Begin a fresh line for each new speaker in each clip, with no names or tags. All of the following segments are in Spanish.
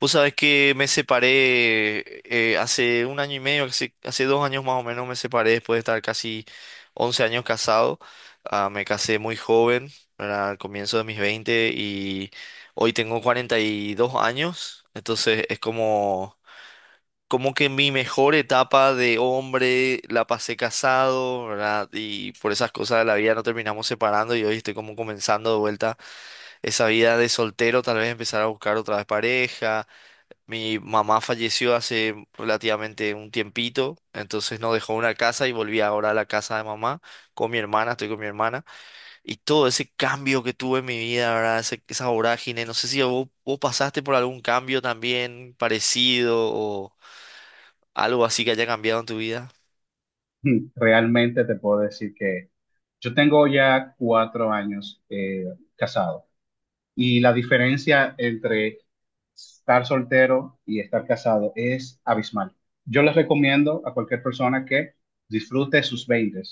Vos sabés que me separé hace un año y medio, hace dos años más o menos me separé después de estar casi 11 años casado. Ah, me casé muy joven, ¿verdad? Al comienzo de mis 20 y hoy tengo 42 años. Entonces es como, como que mi mejor etapa de hombre la pasé casado, ¿verdad? Y por esas cosas de la vida no terminamos separando y hoy estoy como comenzando de vuelta esa vida de soltero, tal vez empezar a buscar otra vez pareja mi mamá falleció hace relativamente un tiempito, entonces nos dejó una casa y volví ahora a la casa de mamá con mi hermana, estoy con mi hermana. Y todo ese cambio que tuve en mi vida, ¿verdad? Esa vorágine, no sé si vos pasaste por algún cambio también parecido o algo así que haya cambiado en tu vida.
Realmente te puedo decir que yo tengo ya cuatro años casado
Mm.
y la diferencia entre estar soltero y estar casado es abismal. Yo les recomiendo a cualquier persona que disfrute sus 20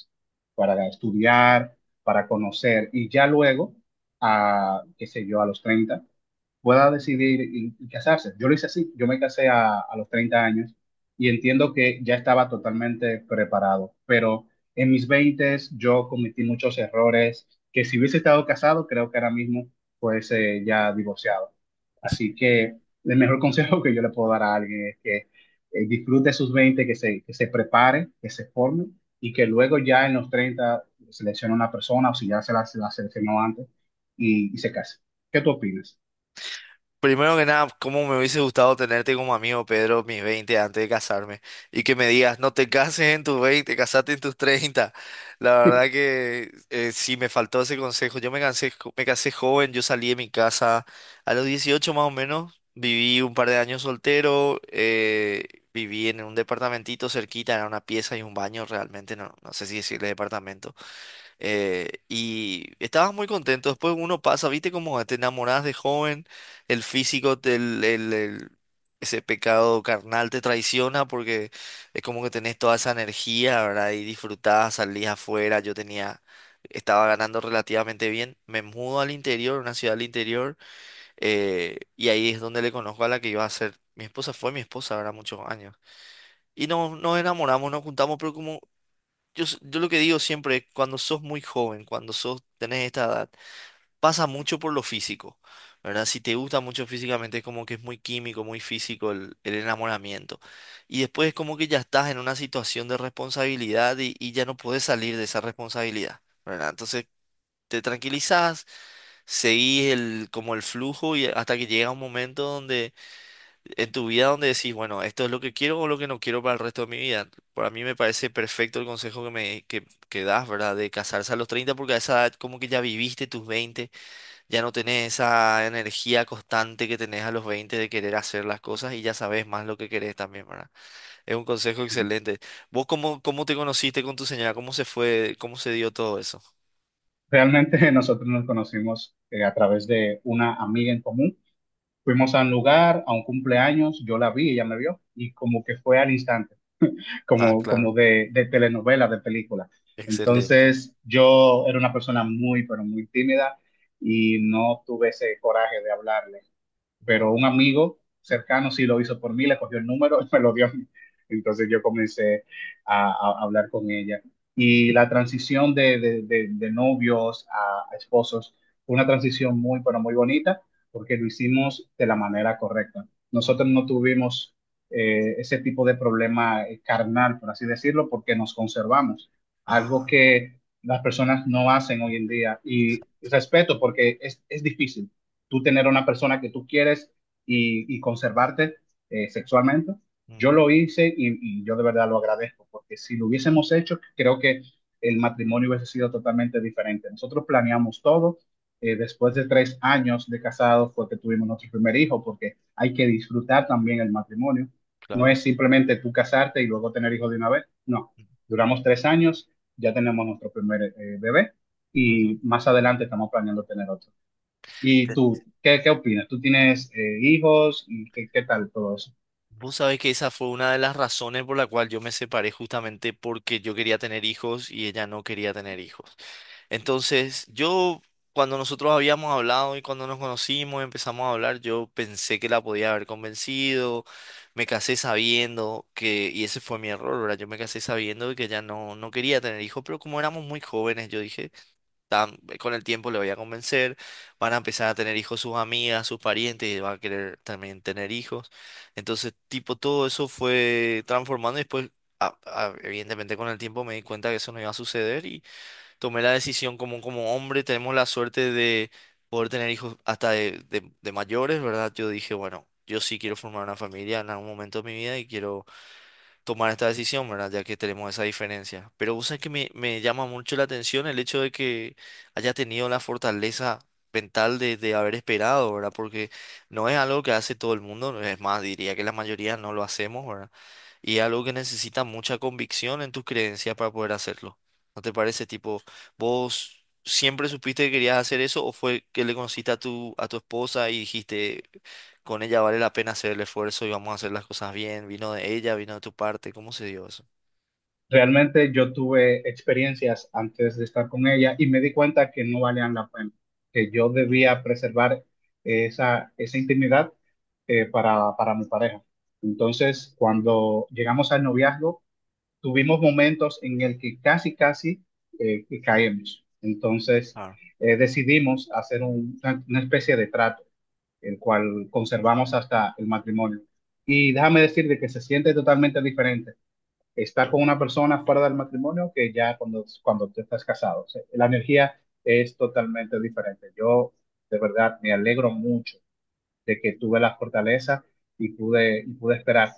para estudiar, para conocer y ya luego, qué sé yo, a los 30 pueda decidir y casarse. Yo lo hice así, yo me casé a los 30 años y entiendo que ya estaba totalmente preparado, pero en mis 20 yo cometí muchos errores que si hubiese estado casado, creo que ahora mismo fuese ya divorciado. Así que el mejor consejo que yo le puedo dar a alguien es que disfrute sus 20, que se prepare, que se forme y que luego ya en los 30 seleccione una persona o si ya se la seleccionó antes y se case. ¿Qué tú opinas?
Primero que nada, cómo me hubiese gustado tenerte como amigo, Pedro, mis 20 antes de casarme. Y que me digas, no te cases en tus 20, casate en tus 30. La verdad que sí me faltó ese consejo. Yo me cansé, me casé joven, yo salí de mi casa a los 18 más o menos. Viví un par de años soltero, viví en un departamentito cerquita, era una pieza y un baño realmente, no sé si decirle departamento. Y estabas muy contento. Después uno pasa, viste como te enamorás de joven, el físico, ese pecado carnal te traiciona porque es como que tenés toda esa energía, ¿verdad? Y disfrutás, salís afuera. Yo tenía, estaba ganando relativamente bien. Me mudo al interior, una ciudad al interior, y ahí es donde le conozco a la que iba a ser. Mi esposa fue mi esposa, ¿verdad? Muchos años. Y nos enamoramos, nos juntamos, pero como yo lo que digo siempre, cuando sos muy joven, cuando sos, tenés esta edad, pasa mucho por lo físico, ¿verdad? Si te gusta mucho físicamente, es como que es muy químico, muy físico el enamoramiento. Y después es como que ya estás en una situación de responsabilidad y ya no podés salir de esa responsabilidad, ¿verdad? Entonces te tranquilizás, seguís el, como el flujo y hasta que llega un momento donde en tu vida donde decís, bueno, esto es lo que quiero o lo que no quiero para el resto de mi vida. Para mí me parece perfecto el consejo que das, ¿verdad? De casarse a los 30 porque a esa edad como que ya viviste tus veinte ya no tenés esa energía constante que tenés a los 20 de querer hacer las cosas y ya sabes más lo que querés también, ¿verdad? Es un consejo excelente. ¿Vos cómo te conociste con tu señora? ¿Cómo se fue? ¿Cómo se dio todo eso?
Realmente nosotros nos conocimos a través de una amiga en común. Fuimos a un lugar, a un cumpleaños, yo la vi, ella me vio y como que fue al instante,
Ah,
como
claro.
de telenovela, de película.
Excelente.
Entonces yo era una persona muy, pero muy tímida y no tuve ese coraje de hablarle. Pero un amigo cercano sí lo hizo por mí, le cogió el número y me lo dio a mí. Entonces yo comencé a hablar con ella. Y la transición de novios a esposos fue una transición muy, pero muy bonita, porque lo hicimos de la manera correcta. Nosotros
Ujú.
no tuvimos ese tipo de problema carnal, por así decirlo, porque nos conservamos, algo
Ah,
que las personas no hacen hoy en día. Y respeto, porque es difícil tú tener a una persona que tú quieres y conservarte sexualmente. Yo
ujú,
lo hice yo de verdad lo agradezco, porque si lo hubiésemos hecho, creo que el matrimonio hubiese sido totalmente diferente. Nosotros planeamos todo. Después de tres años de casados fue que tuvimos nuestro primer hijo, porque hay que disfrutar también el matrimonio. No
claro.
es simplemente tú casarte y luego tener hijos de una vez. No, duramos tres años, ya tenemos nuestro primer bebé
Ujú.
y más adelante estamos planeando tener otro. ¿Y tú, qué opinas? ¿Tú tienes hijos? ¿Y qué, qué tal todo eso?
Vos sabés que esa fue una de las razones por la cual yo me separé justamente porque yo quería tener hijos y ella no quería tener hijos. Entonces, yo, cuando nosotros habíamos hablado y cuando nos conocimos, y empezamos a hablar, yo pensé que la podía haber convencido, me casé sabiendo que, y ese fue mi error, ¿verdad? Yo me casé sabiendo que ella no quería tener hijos, pero como éramos muy jóvenes, yo dije con el tiempo le voy a convencer, van a empezar a tener hijos sus amigas, sus parientes, y va a querer también tener hijos. Entonces, tipo, todo eso fue transformando y después, evidentemente con el tiempo me di cuenta que eso no iba a suceder y tomé la decisión como, como hombre, tenemos la suerte de poder tener hijos hasta de mayores, ¿verdad? Yo dije, bueno, yo sí quiero formar una familia en algún momento de mi vida y quiero tomar esta decisión, ¿verdad? Ya que tenemos esa diferencia. Pero vos sabés que me llama mucho la atención el hecho de que haya tenido la fortaleza mental de haber esperado, ¿verdad? Porque no es algo que hace todo el mundo, es más, diría que la mayoría no lo hacemos, ¿verdad? Y es algo que necesita mucha convicción en tus creencias para poder hacerlo. ¿No te parece? Tipo, vos siempre supiste que querías hacer eso o fue que le conociste a a tu esposa y dijiste, con ella vale la pena hacer el esfuerzo y vamos a hacer las cosas bien. Vino de ella, vino de tu parte. ¿Cómo se dio eso?
Realmente yo tuve experiencias antes de estar con ella y me di cuenta que no valían la pena, que yo
Ujú,
debía preservar esa intimidad para mi pareja.
ujú,
Entonces, cuando llegamos al noviazgo, tuvimos momentos en el que casi que caemos. Entonces,
claro,
decidimos hacer una especie de trato el cual conservamos hasta el matrimonio. Y déjame decirte que se siente totalmente diferente estar
ujú.
con una persona fuera del matrimonio que ya cuando tú estás casado. O sea, la energía es totalmente diferente. Yo de verdad me alegro mucho de que tuve la fortaleza y pude esperar.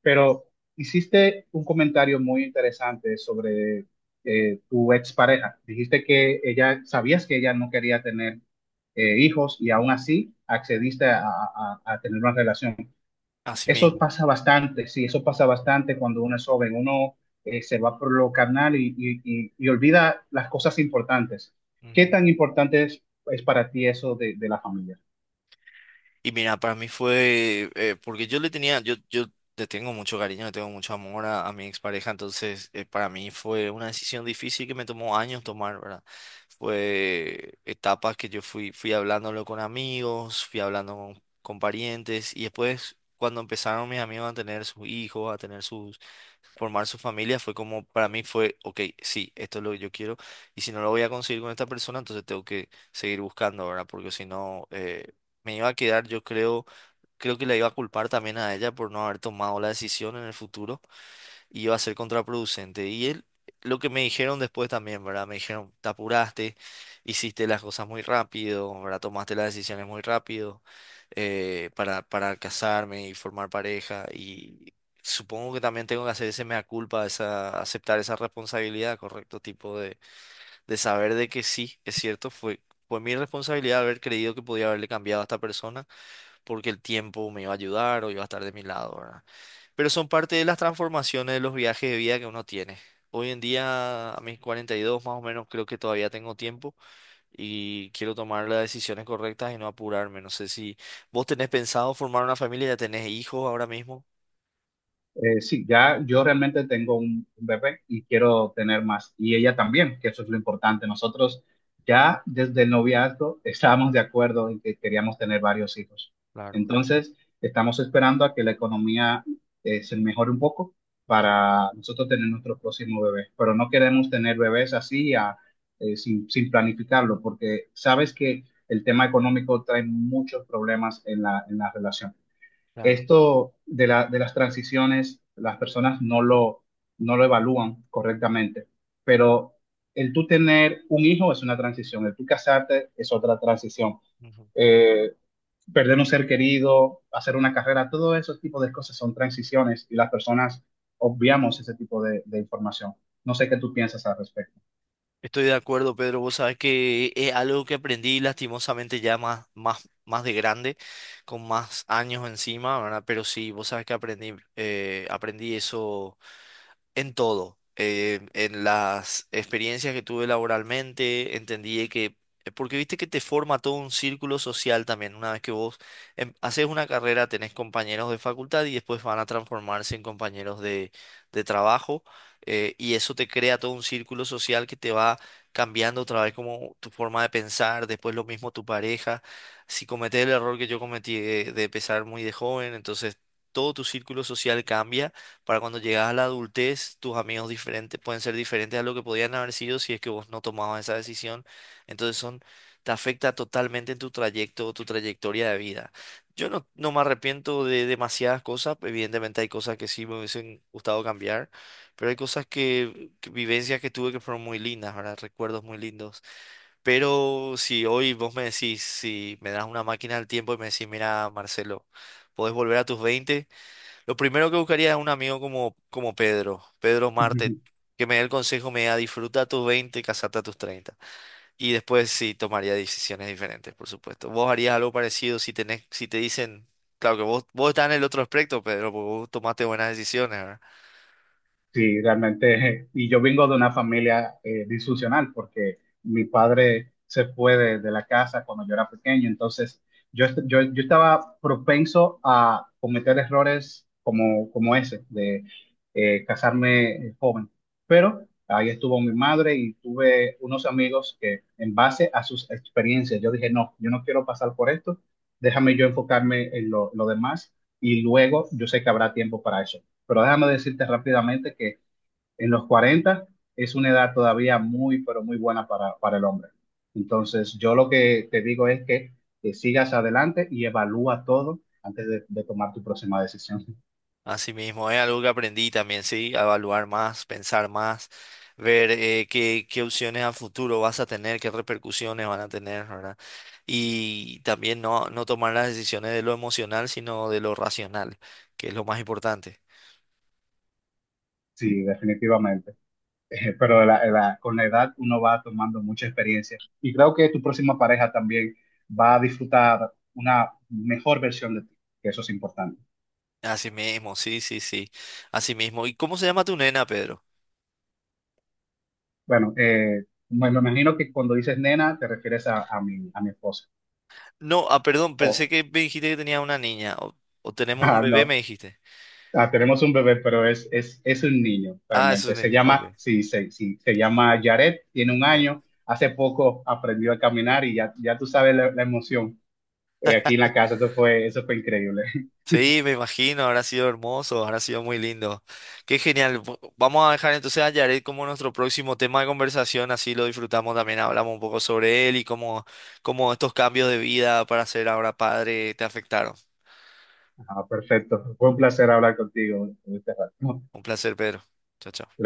Pero hiciste un comentario muy interesante sobre tu expareja. Dijiste que ella, sabías que ella no quería tener hijos y aún así accediste a tener una relación.
Así
Eso
mismo.
pasa bastante, sí, eso pasa bastante cuando uno es joven, uno se va por lo carnal y olvida las cosas importantes. ¿Qué
Ujú.
tan importante es para ti eso de la familia?
Y mira, para mí fue, porque yo le tenía, yo le tengo mucho cariño, le tengo mucho amor a mi expareja, entonces para mí fue una decisión difícil que me tomó años tomar, ¿verdad? Fue etapas que yo fui hablándolo con amigos, fui hablando con parientes, y después cuando empezaron mis amigos a tener sus hijos, a tener sus, formar su familia, fue como, para mí fue, ok, sí, esto es lo que yo quiero, y si no lo voy a conseguir con esta persona, entonces tengo que seguir buscando, ¿verdad? Porque si no... me iba a quedar, yo creo, creo que la iba a culpar también a ella por no haber tomado la decisión en el futuro y iba a ser contraproducente. Y él, lo que me dijeron después también, ¿verdad? Me dijeron, te apuraste, hiciste las cosas muy rápido, ¿verdad? Tomaste las decisiones muy rápido para casarme y formar pareja. Y supongo que también tengo que hacer ese mea culpa, esa, aceptar esa responsabilidad, ¿correcto? Tipo de saber de que sí, es cierto, fue, fue mi responsabilidad haber creído que podía haberle cambiado a esta persona porque el tiempo me iba a ayudar o iba a estar de mi lado, ¿verdad? Pero son parte de las transformaciones de los viajes de vida que uno tiene. Hoy en día, a mis 42 más o menos, creo que todavía tengo tiempo y quiero tomar las decisiones correctas y no apurarme. No sé si vos tenés pensado formar una familia, ya tenés hijos ahora mismo.
Sí, ya yo realmente tengo un bebé y quiero tener más. Y ella también, que eso es lo importante. Nosotros ya desde el noviazgo estábamos de acuerdo en que queríamos tener varios hijos.
Claro,
Entonces, estamos esperando a que la economía se mejore un poco
ujú,
para nosotros tener nuestro próximo bebé. Pero no queremos tener bebés así a- sin, sin planificarlo, porque sabes que el tema económico trae muchos problemas en en la relación
claro.
esto de las transiciones, las personas no lo evalúan correctamente, pero el tú tener un hijo es una transición, el tú casarte es otra transición. Eh, perder un ser querido, hacer una carrera, todo esos tipos de cosas son transiciones y las personas obviamos ese tipo de información. No sé qué tú piensas al respecto.
Estoy de acuerdo, Pedro. Vos sabés que es algo que aprendí lastimosamente ya más de grande, con más años encima, ¿verdad? Pero sí, vos sabés que aprendí, aprendí eso. En todo, en las experiencias que tuve laboralmente, entendí que, porque viste que te forma todo un círculo social también, una vez que vos haces una carrera, tenés compañeros de facultad y después van a transformarse en compañeros de trabajo, y eso te crea todo un círculo social que te va cambiando otra vez como tu forma de pensar, después lo mismo tu pareja, si cometés el error que yo cometí de empezar muy de joven, entonces todo tu círculo social cambia para cuando llegas a la adultez, tus amigos diferentes pueden ser diferentes a lo que podían haber sido si es que vos no tomabas esa decisión. Entonces son, te afecta totalmente en tu trayecto, tu trayectoria de vida. Yo no, no me arrepiento de demasiadas cosas, evidentemente hay cosas que sí me hubiesen gustado cambiar, pero hay cosas vivencias que tuve que fueron muy lindas, ¿verdad? Recuerdos muy lindos. Pero si hoy vos me decís, si me das una máquina del tiempo y me decís, mira, Marcelo, podés volver a tus 20. Lo primero que buscaría es un amigo como, como Pedro, Pedro Marte, que me dé el consejo, me diga, disfruta tus 20 casate a tus treinta. Y después sí tomaría decisiones diferentes, por supuesto. Vos harías algo parecido si tenés, si te dicen, claro que vos estás en el otro aspecto, Pedro, porque vos tomaste buenas decisiones.
Sí, realmente, y yo vengo de una familia disfuncional porque mi padre se fue de la casa cuando yo era pequeño, entonces yo estaba propenso a cometer errores como ese, de casarme joven. Pero ahí estuvo mi madre y tuve unos amigos que en base a sus experiencias, yo dije, no, yo no quiero pasar por esto, déjame yo enfocarme en lo demás y luego yo sé que habrá tiempo para eso, pero déjame decirte rápidamente que en los 40 es una edad todavía muy, pero muy buena para el hombre. Entonces, yo lo que te digo es que sigas adelante y evalúa todo antes de tomar tu próxima decisión.
Así mismo, es algo que aprendí también, sí, a evaluar más, pensar más, ver qué opciones a futuro vas a tener, qué repercusiones van a tener, ¿verdad? Y también no tomar las decisiones de lo emocional, sino de lo racional, que es lo más importante.
Sí, definitivamente. Pero con la edad uno va tomando mucha experiencia y creo que tu próxima pareja también va a disfrutar una mejor versión de ti, que eso es importante.
Así mismo, sí, sí, sí, así mismo. ¿Y cómo se llama tu nena, Pedro?
Bueno, me imagino que cuando dices nena te refieres a mi esposa.
No, ah, perdón,
O
pensé que me dijiste que tenía una niña, o tenemos un
ah,
bebé, me
no.
dijiste.
Ah, tenemos un bebé, pero es un niño,
Ah, es
realmente.
un
Se
niño, ok.
llama, sí, se llama Jared, tiene un año. Hace poco aprendió a caminar y ya, ya tú sabes la emoción. Eh, aquí en la casa, eso fue increíble.
Sí, me imagino, habrá sido hermoso, habrá sido muy lindo. Qué genial. Vamos a dejar entonces a Jared como nuestro próximo tema de conversación, así lo disfrutamos también, hablamos un poco sobre él y cómo estos cambios de vida para ser ahora padre te afectaron.
Ah, perfecto. Fue un placer hablar contigo, Estefan.
Un placer, Pedro. Chao, chao.